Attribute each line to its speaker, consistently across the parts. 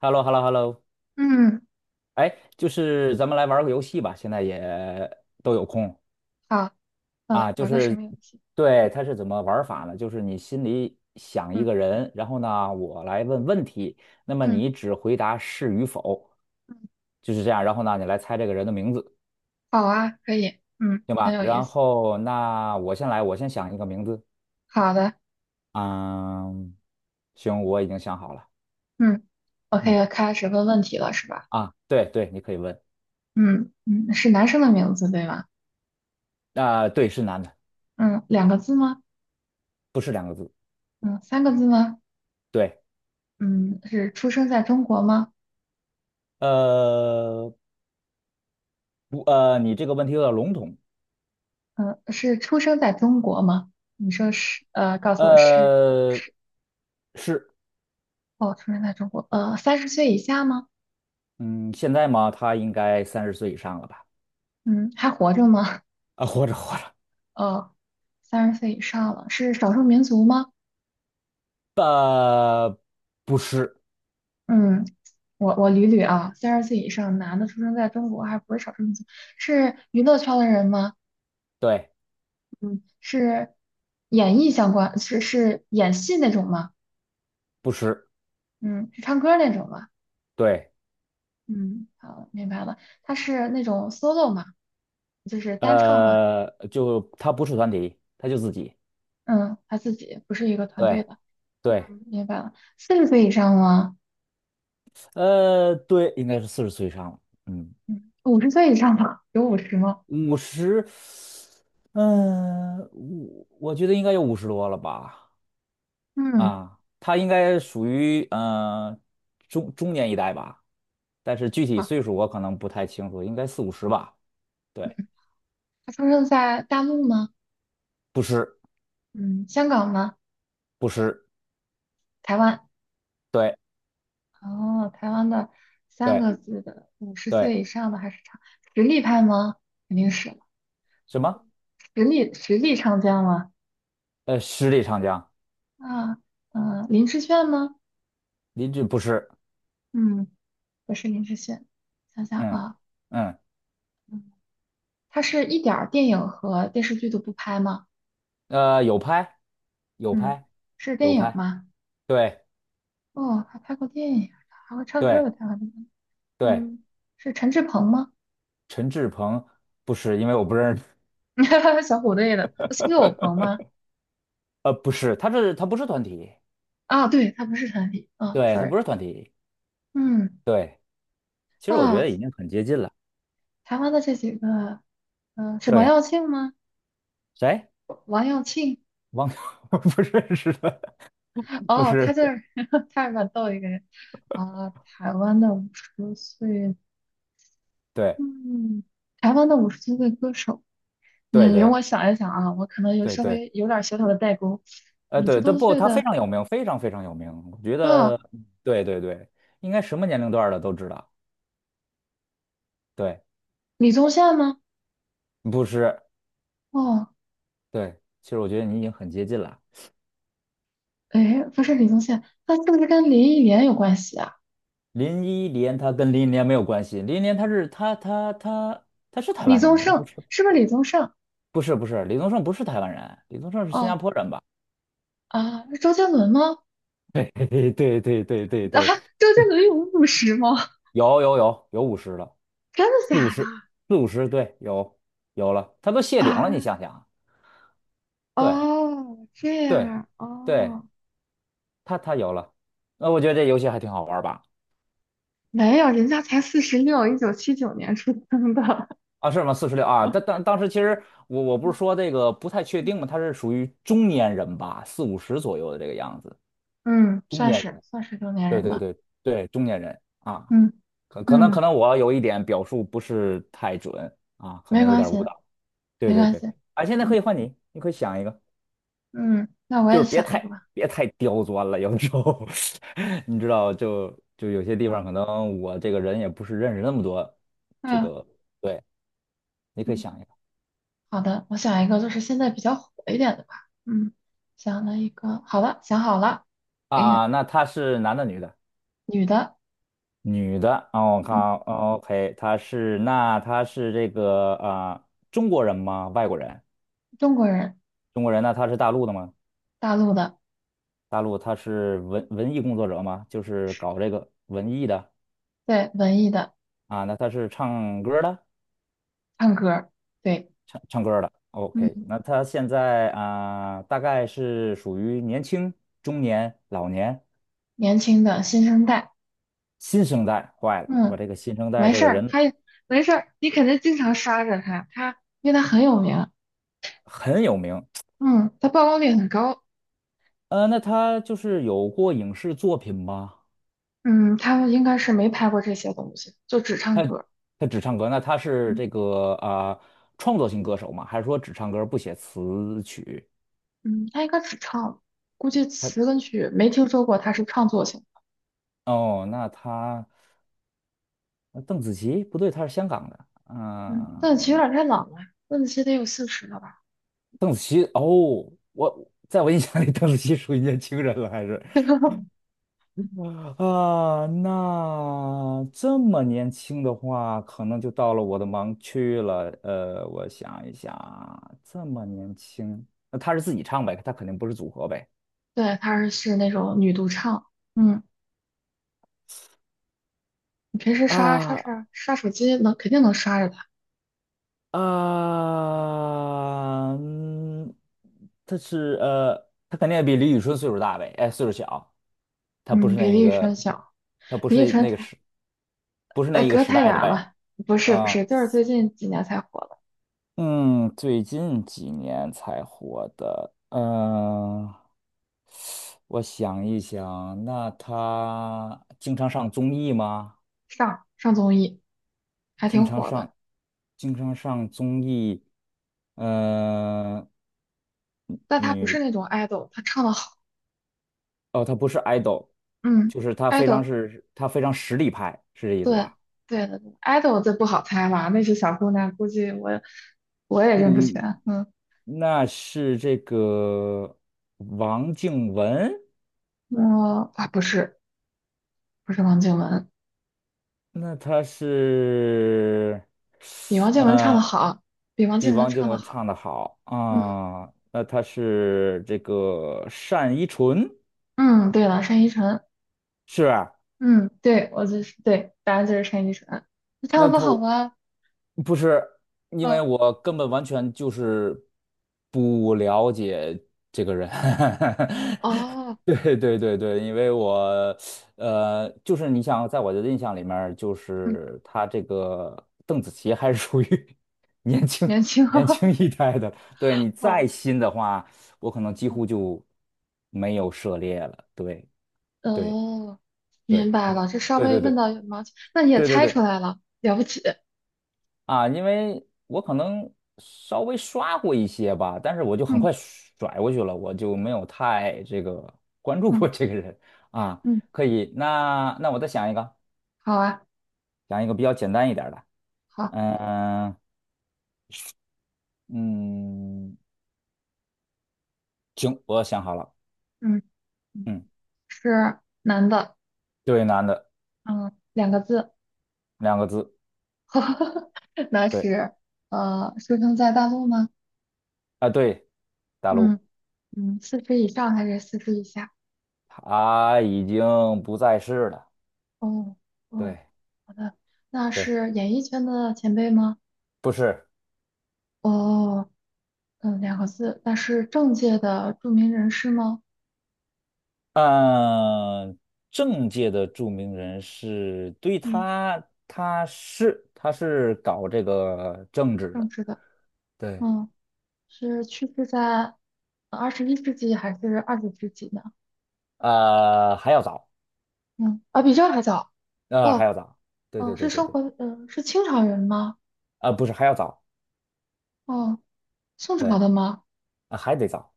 Speaker 1: h e l l o h e l l o h e l l o
Speaker 2: 嗯，
Speaker 1: 哎，就是咱们来玩个游戏吧，现在也都有空
Speaker 2: 好，
Speaker 1: 啊。就
Speaker 2: 玩个什
Speaker 1: 是
Speaker 2: 么游戏？
Speaker 1: 对，它是怎么玩法呢？就是你心里想一个
Speaker 2: 嗯
Speaker 1: 人，然后呢，我来问问题，那么
Speaker 2: 嗯
Speaker 1: 你只回答是与否，
Speaker 2: 嗯，
Speaker 1: 就是这样。然后呢，你来猜这个人的名字，
Speaker 2: 好啊，可以，
Speaker 1: 行
Speaker 2: 很
Speaker 1: 吧？
Speaker 2: 有意
Speaker 1: 然
Speaker 2: 思。
Speaker 1: 后那我先来，我先想一个名字。
Speaker 2: 好的，
Speaker 1: 嗯，行，我已经想好了。
Speaker 2: 嗯，我可
Speaker 1: 嗯，
Speaker 2: 以开始问问题了，是吧？
Speaker 1: 啊，对对，你可以问。
Speaker 2: 嗯嗯，是男生的名字对吗？
Speaker 1: 啊、对，是男的，
Speaker 2: 嗯，两个字吗？
Speaker 1: 不是两个字。
Speaker 2: 嗯，三个字吗？
Speaker 1: 对。
Speaker 2: 嗯，是出生在中国吗？
Speaker 1: 呃，不，你这个问题有点笼统。
Speaker 2: 嗯，是出生在中国吗？你说是，告诉我是而不
Speaker 1: 呃，
Speaker 2: 是？
Speaker 1: 是，
Speaker 2: 哦，出生在中国，三十岁以下吗？
Speaker 1: 嗯，现在嘛，他应该30岁以上了吧？
Speaker 2: 嗯，还活着吗？
Speaker 1: 啊，活着活着。
Speaker 2: 哦，三十岁以上了，是少数民族吗？
Speaker 1: 呃，不是，
Speaker 2: 嗯。我捋捋啊，三十岁以上男的出生在中国还不是少数民族，是娱乐圈的人吗？
Speaker 1: 对，
Speaker 2: 嗯，是演艺相关，是演戏那种吗？
Speaker 1: 不是，
Speaker 2: 嗯，是唱歌那种吗？
Speaker 1: 对，
Speaker 2: 嗯，好，明白了，他是那种 solo 吗？就是单唱吗？
Speaker 1: 就他不是团体，他就自己。
Speaker 2: 嗯，他自己不是一个团队
Speaker 1: 对，
Speaker 2: 的，
Speaker 1: 对，
Speaker 2: 明白了。40岁以上吗？
Speaker 1: 对，应该是40岁以上了。嗯，
Speaker 2: 嗯，五十岁以上吧，有五十吗？
Speaker 1: 五十，嗯，我觉得应该有50多了吧。
Speaker 2: 嗯，
Speaker 1: 啊，他应该属于中年一代吧，但是具体
Speaker 2: 好，
Speaker 1: 岁数我可能不太清楚，应该四五十吧。对，
Speaker 2: 他出生在大陆吗？
Speaker 1: 不是
Speaker 2: 嗯，香港吗？
Speaker 1: 不是，
Speaker 2: 台湾？
Speaker 1: 对
Speaker 2: 哦，台湾的三
Speaker 1: 对
Speaker 2: 个字的五十
Speaker 1: 对，
Speaker 2: 岁以上的还是常实力派吗？肯定是
Speaker 1: 什么？
Speaker 2: 实力唱将嘛。
Speaker 1: 十里长江。
Speaker 2: 啊，林志炫吗？
Speaker 1: 林志不是。
Speaker 2: 嗯，不是林志炫，想想
Speaker 1: 嗯
Speaker 2: 啊，
Speaker 1: 嗯，
Speaker 2: 嗯，他是一点儿电影和电视剧都不拍吗？
Speaker 1: 有拍有
Speaker 2: 嗯，
Speaker 1: 拍
Speaker 2: 是电
Speaker 1: 有
Speaker 2: 影
Speaker 1: 拍。
Speaker 2: 吗？
Speaker 1: 对
Speaker 2: 哦，还拍过电影，还会唱歌
Speaker 1: 对
Speaker 2: 的台湾的。
Speaker 1: 对，
Speaker 2: 嗯，是陈志朋吗？
Speaker 1: 陈志朋不是，因为我不认识。
Speaker 2: 小虎队的，是岳有朋吗？
Speaker 1: 不是，他不是团体。
Speaker 2: 啊，对，他不是团体。啊
Speaker 1: 对，他
Speaker 2: ，sorry。
Speaker 1: 不是团体。
Speaker 2: 嗯。
Speaker 1: 对，其实我觉
Speaker 2: 啊，
Speaker 1: 得已经很接近了。
Speaker 2: 台湾的这几个，是王
Speaker 1: 对。
Speaker 2: 耀庆吗？
Speaker 1: 谁？
Speaker 2: 王耀庆，
Speaker 1: 汪洋 不认识的。不
Speaker 2: 哦，他
Speaker 1: 是。
Speaker 2: 就是 他是蛮逗一个人啊、台湾的五十岁，
Speaker 1: 对
Speaker 2: 嗯，台湾的五十多岁歌手，
Speaker 1: 对
Speaker 2: 容
Speaker 1: 对
Speaker 2: 我想一想啊，我可能有
Speaker 1: 对
Speaker 2: 稍
Speaker 1: 对。
Speaker 2: 微有点小小的代沟，五十
Speaker 1: 对，这
Speaker 2: 多
Speaker 1: 不，
Speaker 2: 岁
Speaker 1: 他非
Speaker 2: 的
Speaker 1: 常有名，非常非常有名，我觉
Speaker 2: 啊，
Speaker 1: 得。对对对，应该什么年龄段儿的都知道。对，
Speaker 2: 李宗宪吗？
Speaker 1: 不是，
Speaker 2: 哦，
Speaker 1: 对，其实我觉得你已经很接近了。
Speaker 2: 哎，不是李宗宪，他是不是跟林忆莲有关系啊？
Speaker 1: 林忆莲，他跟林忆莲没有关系。林忆莲她是台
Speaker 2: 李
Speaker 1: 湾人
Speaker 2: 宗
Speaker 1: 吗？她不
Speaker 2: 盛
Speaker 1: 是。
Speaker 2: 是不是李宗盛？
Speaker 1: 不是不是，李宗盛不是台湾人，李宗盛是新加
Speaker 2: 哦
Speaker 1: 坡人吧？
Speaker 2: 啊，是周杰伦吗？
Speaker 1: 对。 对对对对
Speaker 2: 啊，
Speaker 1: 对。
Speaker 2: 周杰伦有五十吗？
Speaker 1: 有有有有五十了。
Speaker 2: 真的
Speaker 1: 四五
Speaker 2: 假
Speaker 1: 十，
Speaker 2: 的
Speaker 1: 四五十，对，有了，它都谢顶了，你
Speaker 2: 啊？
Speaker 1: 想想啊。对
Speaker 2: 哦，这样
Speaker 1: 对
Speaker 2: 啊，
Speaker 1: 对，
Speaker 2: 哦，
Speaker 1: 它有了。那我觉得这游戏还挺好玩儿吧？
Speaker 2: 没有，人家才46，1979年出生的，
Speaker 1: 啊，是吗？46啊？但当时其实我不
Speaker 2: 嗯
Speaker 1: 是说这个不太确定嘛。
Speaker 2: 嗯
Speaker 1: 他是属于中年人吧，四五十左右的这个样子。
Speaker 2: 嗯
Speaker 1: 中
Speaker 2: 算
Speaker 1: 年
Speaker 2: 是
Speaker 1: 人。
Speaker 2: 算是中年
Speaker 1: 对
Speaker 2: 人
Speaker 1: 对
Speaker 2: 吧。
Speaker 1: 对对。中年人啊。
Speaker 2: 嗯
Speaker 1: 可可能可
Speaker 2: 嗯，
Speaker 1: 能我有一点表述不是太准啊，可
Speaker 2: 没
Speaker 1: 能有
Speaker 2: 关
Speaker 1: 点
Speaker 2: 系，
Speaker 1: 误导。对
Speaker 2: 没
Speaker 1: 对
Speaker 2: 关
Speaker 1: 对。
Speaker 2: 系。
Speaker 1: 啊，现在可
Speaker 2: 嗯
Speaker 1: 以换你，你可以想一个。
Speaker 2: 嗯，那我
Speaker 1: 就
Speaker 2: 也
Speaker 1: 是别
Speaker 2: 想一个
Speaker 1: 太
Speaker 2: 吧。
Speaker 1: 别太刁钻了，有时候 你知道，就有些地
Speaker 2: 啊，
Speaker 1: 方可能我这个人也不是认识那么多。这
Speaker 2: 嗯
Speaker 1: 个对，你可以想一
Speaker 2: 嗯
Speaker 1: 个。
Speaker 2: 好的，我想一个就是现在比较火一点的吧。嗯想了一个，好了，想好了。嗯，
Speaker 1: 啊，那他是男的女的？
Speaker 2: 女的，
Speaker 1: 女的。哦，我看
Speaker 2: 嗯，
Speaker 1: 哦。OK,他是这个啊、中国人吗？外国人？
Speaker 2: 中国人，
Speaker 1: 中国人。那他是大陆的吗？
Speaker 2: 大陆的，
Speaker 1: 大陆。他是文艺工作者吗？就是搞这个文艺的。
Speaker 2: 对，文艺的，
Speaker 1: 啊，那他是唱歌的
Speaker 2: 唱歌儿对。
Speaker 1: 唱唱歌儿的。OK,那
Speaker 2: 嗯，
Speaker 1: 他现在啊、大概是属于年轻、中年、老年、
Speaker 2: 年轻的新生代，
Speaker 1: 新生代。坏了，我
Speaker 2: 嗯，
Speaker 1: 这个新生代
Speaker 2: 没
Speaker 1: 这
Speaker 2: 事
Speaker 1: 个
Speaker 2: 儿，
Speaker 1: 人
Speaker 2: 他没事儿，你肯定经常刷着他，他因为他很有名，
Speaker 1: 很有名。
Speaker 2: 嗯，他曝光率很高，
Speaker 1: 那他就是有过影视作品吗？
Speaker 2: 嗯，他们应该是没拍过这些东西，就只唱
Speaker 1: 他
Speaker 2: 歌，
Speaker 1: 他只唱歌。那他是
Speaker 2: 嗯
Speaker 1: 这个啊、创作型歌手吗？还是说只唱歌不写词曲？
Speaker 2: 嗯，他应该只唱，估计
Speaker 1: 他
Speaker 2: 词跟曲没听说过他是创作型，
Speaker 1: 哦，那他呃邓紫棋不对，他是香港的。
Speaker 2: 嗯，邓紫棋有
Speaker 1: 嗯、
Speaker 2: 点太老了，邓紫棋得有四十了吧？
Speaker 1: 邓紫棋哦，我在我印象里，邓紫棋属于年轻人了，还是 啊？那这么年轻的话，可能就到了我的盲区了。我想一想，这么年轻，那她是自己唱呗，她肯定不是组合呗。
Speaker 2: 对，她是那种女独唱，嗯，你平时刷刷
Speaker 1: 啊
Speaker 2: 刷刷手机能肯定能刷着他，
Speaker 1: 啊。嗯，他是呃，他肯定也比李宇春岁数大呗。哎，岁数小，他不
Speaker 2: 嗯，
Speaker 1: 是那
Speaker 2: 比
Speaker 1: 一
Speaker 2: 李宇春
Speaker 1: 个。
Speaker 2: 小。
Speaker 1: 他不
Speaker 2: 李宇
Speaker 1: 是
Speaker 2: 春
Speaker 1: 那个
Speaker 2: 才。
Speaker 1: 时，不是那一个
Speaker 2: 隔
Speaker 1: 时
Speaker 2: 太
Speaker 1: 代的
Speaker 2: 远
Speaker 1: 呗。
Speaker 2: 了，不是不是，
Speaker 1: 啊。
Speaker 2: 就是最近几年才火的，
Speaker 1: 嗯，最近几年才火的。嗯、我想一想，那他经常上综艺吗？
Speaker 2: 上综艺还
Speaker 1: 经
Speaker 2: 挺
Speaker 1: 常
Speaker 2: 火
Speaker 1: 上，
Speaker 2: 的，
Speaker 1: 经常上综艺。嗯、呃，
Speaker 2: 但他不是
Speaker 1: 女
Speaker 2: 那种 idol，他唱的好，
Speaker 1: 哦，他不是 idol。
Speaker 2: 嗯
Speaker 1: 就是
Speaker 2: ，idol，
Speaker 1: 他非常实力派，是这意思
Speaker 2: 对
Speaker 1: 吧？
Speaker 2: 对的对，idol 这不好猜了，那些小姑娘估计我也
Speaker 1: 嗯
Speaker 2: 认不全，
Speaker 1: 嗯，那是这个王靖雯？
Speaker 2: 我啊不是不是王靖雯，
Speaker 1: 那他是，
Speaker 2: 比王靖雯唱的
Speaker 1: 呃，
Speaker 2: 好，比王
Speaker 1: 比
Speaker 2: 靖雯
Speaker 1: 王靖
Speaker 2: 唱的
Speaker 1: 雯
Speaker 2: 好，
Speaker 1: 唱的好
Speaker 2: 嗯
Speaker 1: 啊。那他是这个单依纯，
Speaker 2: 嗯，对了，单依纯，
Speaker 1: 是吧？
Speaker 2: 嗯，对我就是对，答案就是单依纯，你唱的不好
Speaker 1: 我
Speaker 2: 吗？
Speaker 1: 不是，因为
Speaker 2: 嗯
Speaker 1: 我根本完全就是不了解这个人。
Speaker 2: 哦，
Speaker 1: 对对对对。因为我就是你想，在我的印象里面儿就
Speaker 2: 嗯，
Speaker 1: 是他这个邓紫棋还是属于 年轻
Speaker 2: 年轻。
Speaker 1: 年轻 一代的。对你再
Speaker 2: 哦
Speaker 1: 新的话，我可能几
Speaker 2: 哦
Speaker 1: 乎就没有涉猎了。对对
Speaker 2: 哦，明
Speaker 1: 对，
Speaker 2: 白
Speaker 1: 可能
Speaker 2: 了，这稍
Speaker 1: 对
Speaker 2: 微
Speaker 1: 对对
Speaker 2: 问到羽毛球，那你也
Speaker 1: 对对
Speaker 2: 猜出
Speaker 1: 对。
Speaker 2: 来了，了不起。
Speaker 1: 啊，因为我可能稍微刷过一些吧，但是我就很
Speaker 2: 嗯
Speaker 1: 快甩过去了，我就没有太这个关注过
Speaker 2: 嗯
Speaker 1: 这个人啊。
Speaker 2: 嗯，
Speaker 1: 可以，那我再想一个，
Speaker 2: 好啊，
Speaker 1: 想一个比较简单一点儿的。
Speaker 2: 好，
Speaker 1: 嗯嗯。行，我想好了。
Speaker 2: 嗯嗯，
Speaker 1: 嗯，
Speaker 2: 是男的，
Speaker 1: 对，男的，
Speaker 2: 嗯，两个字，
Speaker 1: 两个字。
Speaker 2: 那
Speaker 1: 对
Speaker 2: 是出生在大陆吗？
Speaker 1: 啊，对，大陆，
Speaker 2: 嗯嗯，四十以上还是四十以下？
Speaker 1: 他已经不在世了。
Speaker 2: 哦哦，
Speaker 1: 对
Speaker 2: 好的，那
Speaker 1: 对，
Speaker 2: 是演艺圈的前辈吗？
Speaker 1: 不是。
Speaker 2: 哦，两个字，那是政界的著名人士吗？
Speaker 1: 嗯，政界的著名人士，对
Speaker 2: 嗯。
Speaker 1: 他，他是搞这个政治
Speaker 2: 政
Speaker 1: 的。
Speaker 2: 治的。
Speaker 1: 对，
Speaker 2: 嗯，是去世在21世纪还是20世纪呢？
Speaker 1: 还要早。
Speaker 2: 嗯，啊，比这还早。哦，
Speaker 1: 还要早。对
Speaker 2: 哦，
Speaker 1: 对对
Speaker 2: 是
Speaker 1: 对
Speaker 2: 生
Speaker 1: 对。
Speaker 2: 活，嗯、是清朝人吗？
Speaker 1: 啊、不是还要早。
Speaker 2: 哦，宋朝
Speaker 1: 对。
Speaker 2: 的吗？
Speaker 1: 啊、还得早。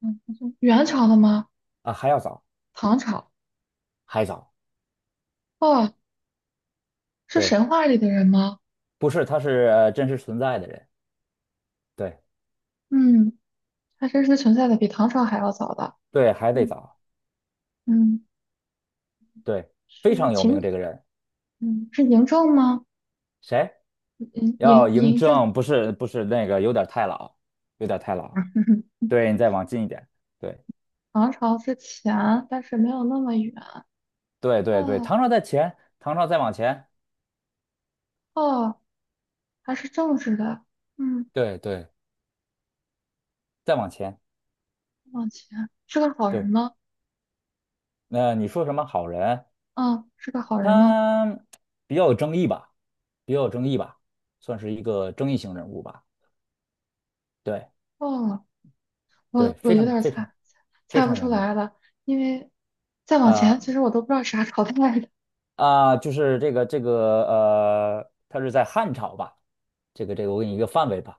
Speaker 2: 嗯，元朝的吗？
Speaker 1: 啊、还要早。
Speaker 2: 唐朝？
Speaker 1: 还早。
Speaker 2: 哦，是
Speaker 1: 对，
Speaker 2: 神话里的人吗？
Speaker 1: 不是，他是真实存在的人。对
Speaker 2: 嗯，还真是存在的比唐朝还要早的。
Speaker 1: 对，还得
Speaker 2: 嗯
Speaker 1: 早。
Speaker 2: 嗯，
Speaker 1: 对，非
Speaker 2: 是
Speaker 1: 常有名
Speaker 2: 秦，
Speaker 1: 这个人。
Speaker 2: 是嬴政吗？
Speaker 1: 谁？
Speaker 2: 嬴嬴
Speaker 1: 要嬴
Speaker 2: 嬴政，
Speaker 1: 政，不是不是那个，有点太老，有点太老。对你再往近一点。对。
Speaker 2: 唐朝之前，但是没有那么远。
Speaker 1: 对对对，
Speaker 2: 哦
Speaker 1: 唐朝在前，唐朝再往前，
Speaker 2: 哦，他是政治的，嗯，
Speaker 1: 对对，再往前。
Speaker 2: 往前是个好
Speaker 1: 对，
Speaker 2: 人吗？
Speaker 1: 那你说什么好人？
Speaker 2: 嗯，是个好人吗？
Speaker 1: 他比较有争议吧，比较有争议吧，算是一个争议性人物吧。对
Speaker 2: 哦，
Speaker 1: 对，
Speaker 2: 我
Speaker 1: 非
Speaker 2: 有
Speaker 1: 常
Speaker 2: 点儿
Speaker 1: 非常
Speaker 2: 猜
Speaker 1: 非
Speaker 2: 猜不
Speaker 1: 常
Speaker 2: 出
Speaker 1: 有名。
Speaker 2: 来了，因为再往前，
Speaker 1: 呃
Speaker 2: 其实我都不知道啥朝代的。
Speaker 1: 就是这个这个他是在汉朝吧？这个这个，我给你一个范围吧。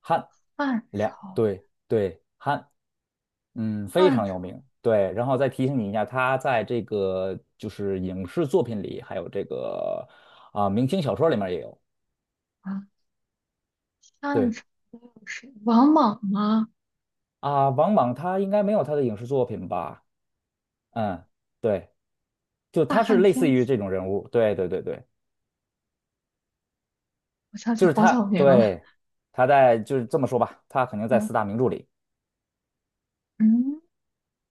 Speaker 1: 汉
Speaker 2: 汉
Speaker 1: 两
Speaker 2: 朝，
Speaker 1: 对对汉。非
Speaker 2: 汉
Speaker 1: 常有
Speaker 2: 朝
Speaker 1: 名。对，然后再提醒你一下，他在这个就是影视作品里，还有这个啊、明清小说里面也有。
Speaker 2: 啊，汉
Speaker 1: 对
Speaker 2: 朝是王莽吗？
Speaker 1: 啊、王莽他应该没有他的影视作品吧？嗯，对，就
Speaker 2: 大
Speaker 1: 他是
Speaker 2: 汉
Speaker 1: 类似
Speaker 2: 天
Speaker 1: 于这
Speaker 2: 子，
Speaker 1: 种人物。对对对对，
Speaker 2: 我想起
Speaker 1: 就是
Speaker 2: 黄
Speaker 1: 他，
Speaker 2: 晓明了。
Speaker 1: 对，他在就是这么说吧，他肯定在四
Speaker 2: 嗯
Speaker 1: 大名著里，
Speaker 2: 嗯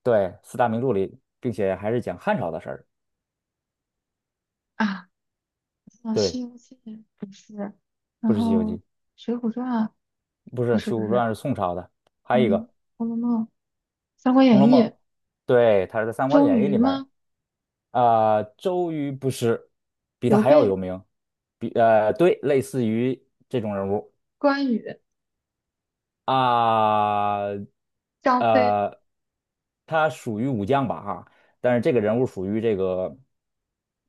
Speaker 1: 对，四大名著里，并且还是讲汉朝的事儿。
Speaker 2: 啊，我西
Speaker 1: 对，
Speaker 2: 游记》不是，
Speaker 1: 不
Speaker 2: 然
Speaker 1: 是《西游
Speaker 2: 后
Speaker 1: 记》，
Speaker 2: 《水浒传》啊
Speaker 1: 不是
Speaker 2: 不是
Speaker 1: 《水
Speaker 2: 不
Speaker 1: 浒传》
Speaker 2: 是，
Speaker 1: 是宋朝的，还有一
Speaker 2: 嗯，
Speaker 1: 个
Speaker 2: 《红楼梦》《三国
Speaker 1: 《红楼
Speaker 2: 演义》，
Speaker 1: 梦》。对，他是在《三国
Speaker 2: 周
Speaker 1: 演义》
Speaker 2: 瑜
Speaker 1: 里面。
Speaker 2: 吗？
Speaker 1: 啊，周瑜不是，比他
Speaker 2: 刘
Speaker 1: 还要有
Speaker 2: 备、
Speaker 1: 名。对，类似于这种人物
Speaker 2: 关羽、
Speaker 1: 啊。
Speaker 2: 张飞、
Speaker 1: 呃，他属于武将吧哈，但是这个人物属于这个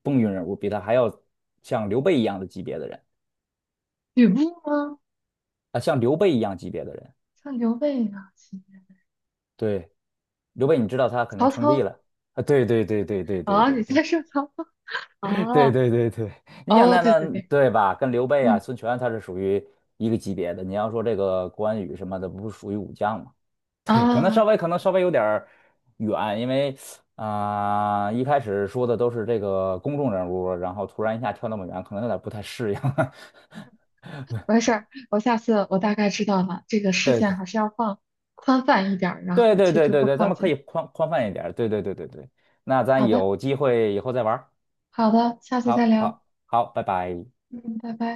Speaker 1: 风云人物，比他还要像刘备一样的级别的人
Speaker 2: 吕布吗？
Speaker 1: 啊，像刘备一样级别的人。
Speaker 2: 像刘备啊，
Speaker 1: 对，刘备你知道他肯定
Speaker 2: 曹
Speaker 1: 称帝
Speaker 2: 操
Speaker 1: 了啊。对对对对对对
Speaker 2: 啊，
Speaker 1: 对
Speaker 2: 你在
Speaker 1: 对。
Speaker 2: 说曹操
Speaker 1: 对
Speaker 2: 啊？
Speaker 1: 对对对。你想
Speaker 2: 哦，
Speaker 1: 那
Speaker 2: 对对
Speaker 1: 那
Speaker 2: 对，
Speaker 1: 对吧？跟刘备啊、
Speaker 2: 嗯
Speaker 1: 孙权他是属于一个级别的。你要说这个关羽什么的，不是属于武将吗？对，可能
Speaker 2: 啊，
Speaker 1: 稍微可能稍微有点儿远，因为啊、一开始说的都是这个公众人物，然后突然一下跳那么远，可能有点不太适应。
Speaker 2: 没事儿，我下次大概知道了，这个视线
Speaker 1: 对
Speaker 2: 还是要放宽泛一点儿，然
Speaker 1: 对
Speaker 2: 后
Speaker 1: 对
Speaker 2: 去
Speaker 1: 对
Speaker 2: 逐
Speaker 1: 对对
Speaker 2: 步
Speaker 1: 对。咱
Speaker 2: 靠
Speaker 1: 们可
Speaker 2: 近。
Speaker 1: 以宽泛一点儿。对对对对对，那咱
Speaker 2: 好的，
Speaker 1: 有机会以后再玩儿。
Speaker 2: 好的，下次再
Speaker 1: 好
Speaker 2: 聊，
Speaker 1: 好好。拜拜。
Speaker 2: 嗯，拜拜。